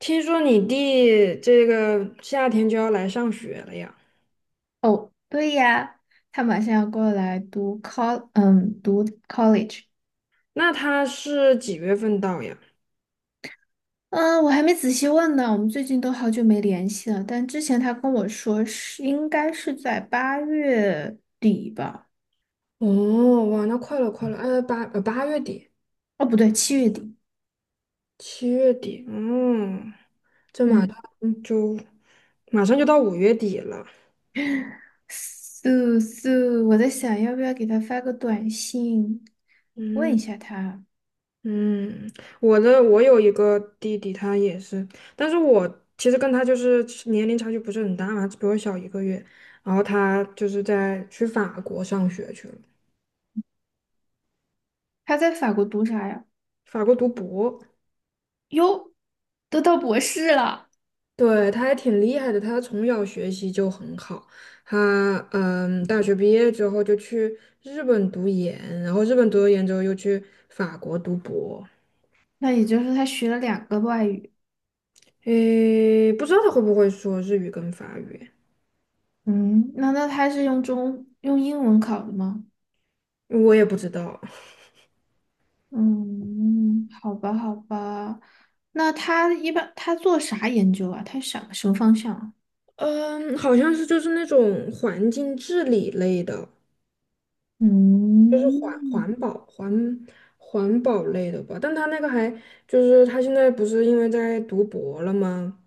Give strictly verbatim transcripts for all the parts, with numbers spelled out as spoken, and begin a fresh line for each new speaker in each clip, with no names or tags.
听说你弟这个夏天就要来上学了呀？
哦，对呀，他马上要过来读 col，嗯，读 college。
那他是几月份到呀？
嗯，我还没仔细问呢，我们最近都好久没联系了。但之前他跟我说是应该是在八月底吧？
哦，哇，那快了，快了，呃，八呃八月底，
哦，不对，七月底。
七月底，嗯，这马上
嗯，
就马上就到五月底了。
素素，我在想要不要给他发个短信，问
嗯
一下他，
嗯，我的我有一个弟弟，他也是，但是我其实跟他就是年龄差距不是很大嘛，只比我小一个月。然后他就是在去法国上学去了，
他在法国读啥呀？
法国读博。
哟，都到博士了，
对，他还挺厉害的，他从小学习就很好。他嗯，大学毕业之后就去日本读研，然后日本读了研之后又去法国读博。
那也就是他学了两个外语。
诶，不知道他会不会说日语跟法语，
嗯，那那他是用中用英文考的吗？
我也不知道。
嗯，好吧，好吧。那他一般他做啥研究啊？他想什么方向啊？
嗯，好像是就是那种环境治理类的。就是环
嗯，
环保环环保类的吧，但他那个还就是他现在不是因为在读博了吗？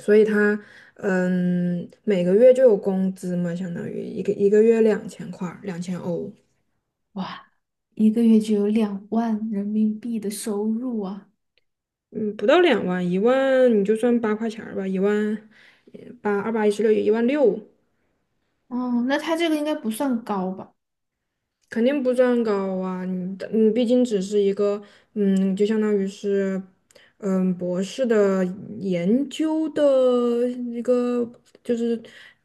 所以他嗯每个月就有工资嘛，相当于一个一个月两千块儿两千欧，
哇，一个月就有两万人民币的收入啊！
嗯不到两万，一万你就算八块钱儿吧，一万呃八二八一十六，一万六。
哦，那他这个应该不算高吧？
肯定不算高啊，你的你毕竟只是一个，嗯，就相当于是，嗯，博士的研究的一个，就是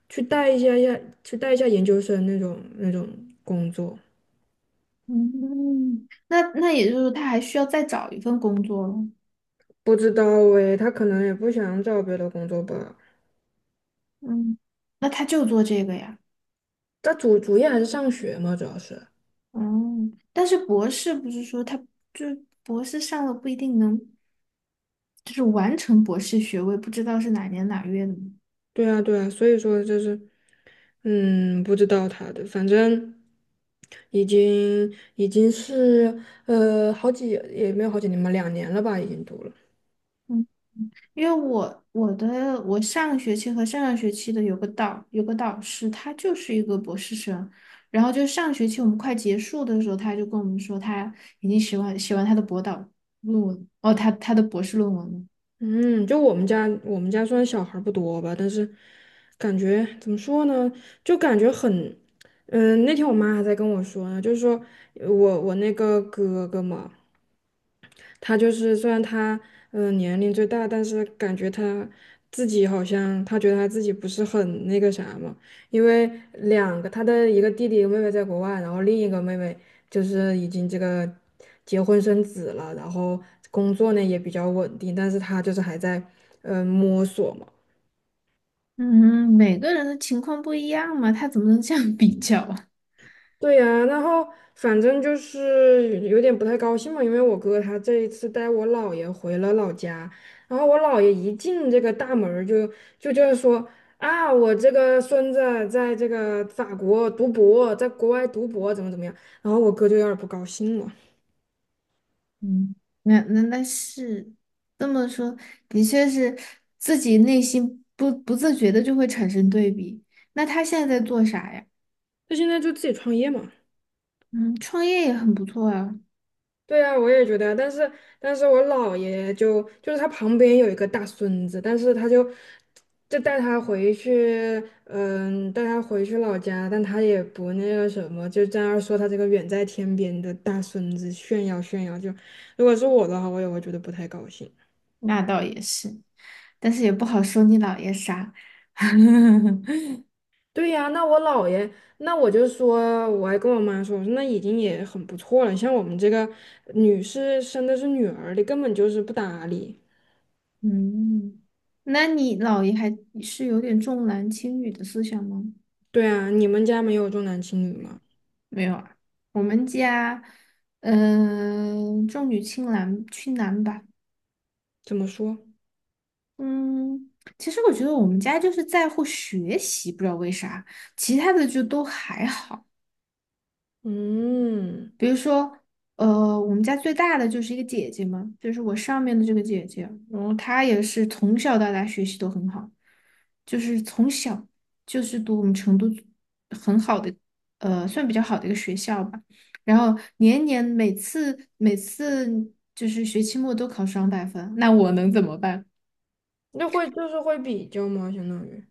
去带一下下，去带一下研究生那种那种工作。
嗯，那那也就是说他还需要再找一份工作了。
不知道诶，他可能也不想找别的工作吧。
嗯，那他就做这个呀。
他主主业还是上学嘛，主要是。
嗯，但是博士不是说他，就是博士上了不一定能，就是完成博士学位，不知道是哪年哪月的吗？
对啊，对啊，所以说就是，嗯，不知道他的，反正已经已经是呃好几也没有好几年吧，两年了吧，已经读了。
嗯，因为我我的我上个学期和上上学期的有个导有个导师，他就是一个博士生，然后就上学期我们快结束的时候，他就跟我们说他已经写完写完他的博导论文，哦，他他的博士论文了。
嗯，就我们家我们家虽然小孩儿不多吧，但是感觉怎么说呢，就感觉很，嗯，那天我妈还在跟我说呢，就是说我我那个哥哥嘛。他就是虽然他嗯、呃年龄最大，但是感觉他自己好像他觉得他自己不是很那个啥嘛，因为两个他的一个弟弟妹妹在国外，然后另一个妹妹就是已经这个结婚生子了，然后工作呢也比较稳定，但是他就是还在嗯、呃摸索嘛。
嗯，每个人的情况不一样嘛，他怎么能这样比较啊？
对呀，然后反正就是有点不太高兴嘛，因为我哥他这一次带我姥爷回了老家，然后我姥爷一进这个大门儿就就就是说啊，我这个孙子在这个法国读博，在国外读博怎么怎么样，然后我哥就有点儿不高兴了，
嗯，那那那是这么说，的确是自己内心不不自觉的就会产生对比。那他现在在做啥呀？
他现在就自己创业嘛。
嗯，创业也很不错啊，
对啊，我也觉得啊，但是但是我姥爷就就是他旁边有一个大孙子，但是他就就带他回去，嗯，带他回去老家，但他也不那个什么，就在那儿说他这个远在天边的大孙子炫耀炫耀。就如果是我的话，我也会觉得不太高兴。
那倒也是，但是也不好说你姥爷啥。
对呀，那我姥爷，那我就说，我还跟我妈说，我说那已经也很不错了，像我们这个女士生的是女儿的，根本就是不搭理。
嗯，那你姥爷还是有点重男轻女的思想吗？
对啊，你们家没有重男轻女吗？
没有啊，我们家，嗯、重女轻男，轻男吧。
怎么说？
嗯，其实我觉得我们家就是在乎学习，不知道为啥，其他的就都还好。
嗯，
比如说，呃，我们家最大的就是一个姐姐嘛，就是我上面的这个姐姐，然后她也是从小到大学习都很好，就是从小就是读我们成都很好的，呃，算比较好的一个学校吧。然后年年每次每次就是学期末都考双百分，那我能怎么办？
那会就是会比较吗？相当于，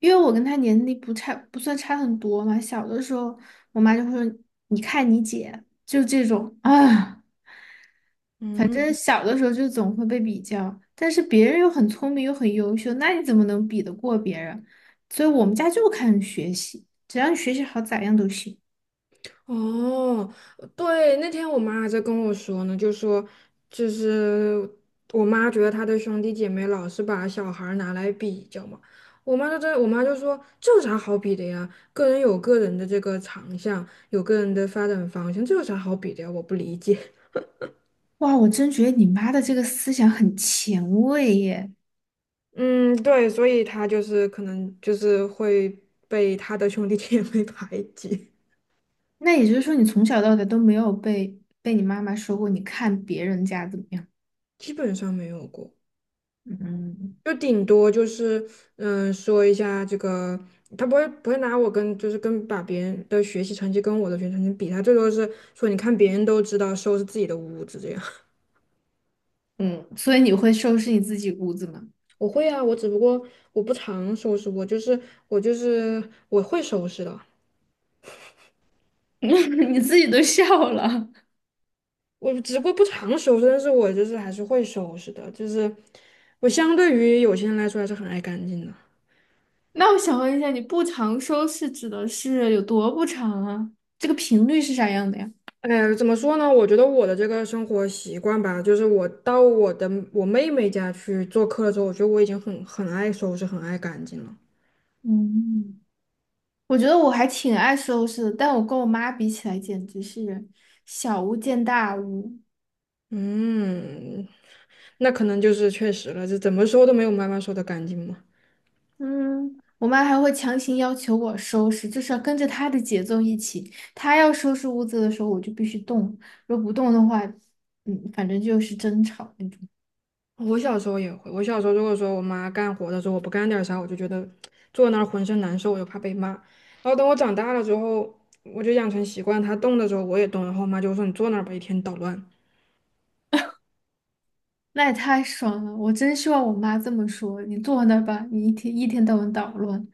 因为我跟他年龄不差，不算差很多嘛。小的时候，我妈就会说：“你看你姐，就这种啊。”反
嗯，
正小的时候就总会被比较，但是别人又很聪明又很优秀，那你怎么能比得过别人？所以我们家就看学习，只要你学习好，咋样都行。
哦，对，那天我妈还在跟我说呢，就说就是我妈觉得她的兄弟姐妹老是把小孩儿拿来比较嘛，我妈就在我妈就说这有啥好比的呀？个人有个人的这个长项，有个人的发展方向，这有啥好比的呀？我不理解。
哇，我真觉得你妈的这个思想很前卫耶。
嗯，对，所以她就是可能就是会被她的兄弟姐妹排挤。
那也就是说，你从小到大都没有被被你妈妈说过，你看别人家怎么样？
基本上没有过，
嗯
就顶多就是嗯说一下这个，他不会不会拿我跟就是跟把别人的学习成绩跟我的学习成绩比，他最多是说你看别人都知道收拾自己的屋子这样。
嗯，所以你会收拾你自己屋子吗？
我会啊，我只不过我不常收拾，我就是我就是我会收拾的，
你自己都笑了。
我只不过不常收拾，但是我就是还是会收拾的，就是我相对于有些人来说还是很爱干净的。
那我想问一下，你不常收拾指的是有多不常啊？这个频率是啥样的呀？
哎，怎么说呢？我觉得我的这个生活习惯吧，就是我到我的我妹妹家去做客的时候，我觉得我已经很很爱收拾，很爱干净了。
嗯，我觉得我还挺爱收拾的，但我跟我妈比起来，简直是小巫见大巫。
嗯，那可能就是确实了，这怎么收都没有妈妈收的干净嘛。
嗯，我妈还会强行要求我收拾，就是要跟着她的节奏一起。她要收拾屋子的时候，我就必须动，如果不动的话，嗯，反正就是争吵那种。
我小时候也会，我小时候如果说我妈干活的时候，我不干点啥，我就觉得坐那儿浑身难受，我就怕被骂。然后等我长大了之后，我就养成习惯，她动的时候我也动，然后我妈就说你坐那儿吧，一天捣乱。
那也太爽了！我真希望我妈这么说。你坐那儿吧，你一天一天到晚捣乱，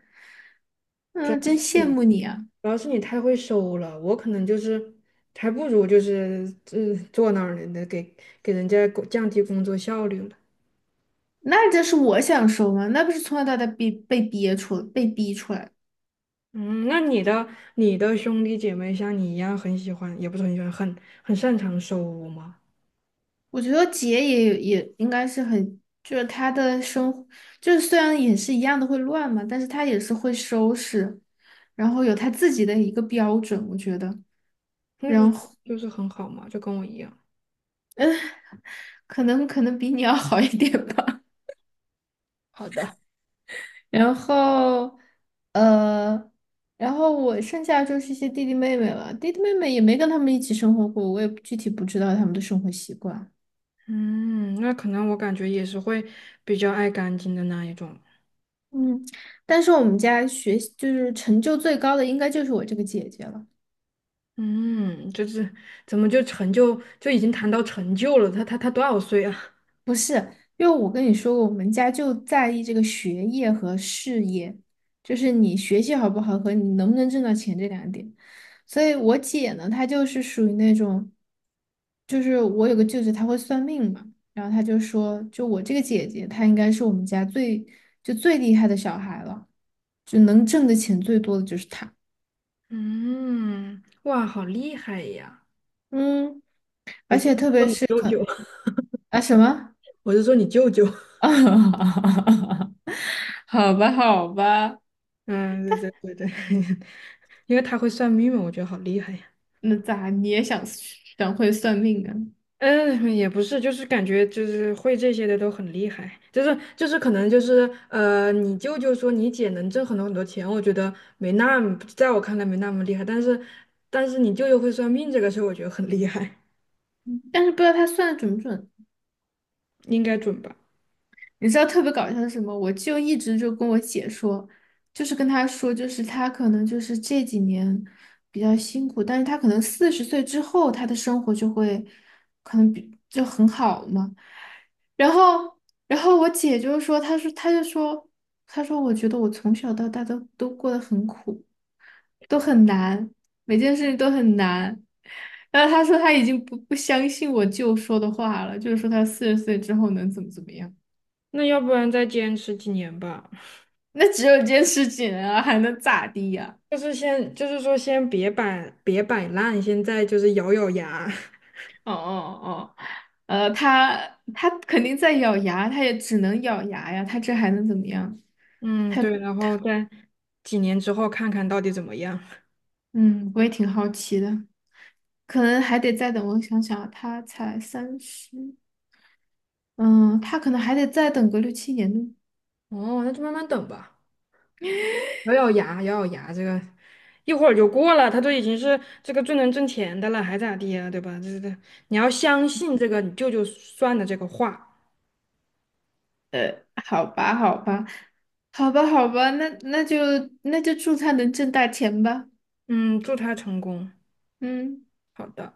嗯，真羡慕你啊。
主要是你太会收了，我可能就是还不如就是嗯坐那儿呢，那给给人家工降低工作效率了。
那这是我想说吗？那不是从小到大被被憋出被逼出来。
嗯，那你的你的兄弟姐妹像你一样很喜欢，也不是很喜欢，很很擅长收屋吗？
我觉得姐也也应该是很，就是她的生活，就是虽然也是一样的会乱嘛，但是她也是会收拾，然后有她自己的一个标准，我觉得，
那不
然
是
后
就是很好吗？就跟我一样。
可能可能比你要好一点吧。
好的，
然后，呃，然后我剩下就是一些弟弟妹妹了。弟弟妹妹也没跟他们一起生活过，我也具体不知道他们的生活习惯。
嗯，那可能我感觉也是会比较爱干净的那一种。
嗯，但是我们家学习就是成就最高的，应该就是我这个姐姐了。
嗯，就是怎么就成就就已经谈到成就了？他他他多少岁啊？
不是，因为我跟你说过，我们家就在意这个学业和事业，就是你学习好不好和你能不能挣到钱这两点。所以我姐呢，她就是属于那种，就是我有个舅舅，他会算命嘛，然后他就说，就我这个姐姐，她应该是我们家最就最厉害的小孩了，就能挣的钱最多的就是她。
嗯，哇，好厉害呀！
嗯，而且特
说
别
你
是
舅
可
舅，
啊，什么？
我是说你舅舅。
好吧，好吧。
嗯，对对对对，因为他会算命嘛，我觉得好厉害呀。
那咋你也想想会算命啊？
嗯，也不是，就是感觉就是会这些的都很厉害，就是就是可能就是呃，你舅舅说你姐能挣很多很多钱，我觉得没那么，在我看来没那么厉害，但是但是你舅舅会算命这个事儿，我觉得很厉害，
但是不知道他算的准不准。
应该准吧？
你知道特别搞笑的是什么？我就一直就跟我姐说，就是跟她说，就是她可能就是这几年比较辛苦，但是她可能四十岁之后，她的生活就会可能比就很好嘛。然后，然后我姐就说，她说，她就说，她说，我觉得我从小到大都都过得很苦。都很难，每件事情都很难。然后他说他已经不不相信我舅说的话了，就是说他四十岁之后能怎么怎么样？
那要不然再坚持几年吧，
那只有坚持几年啊，还能咋地呀、
就是先就是说先别摆别摆烂，现在就是咬咬牙。
哦哦哦，呃，他他肯定在咬牙，他也只能咬牙呀，他这还能怎么样？
嗯，对，然后在几年之后看看到底怎么样。
嗯，我也挺好奇的，可能还得再等。我想想啊他才三十，嗯，他可能还得再等个六七年呢。
哦，那就慢慢等吧。咬咬牙，咬咬牙，这个一会儿就过了。他都已经是这个最能挣钱的了，还咋地呀，对吧？这这，你要相信这个你舅舅算的这个话。
呃，好吧，好吧，好吧，好吧，那那就那就祝他能挣大钱吧。
嗯，祝他成功。
嗯。
好的。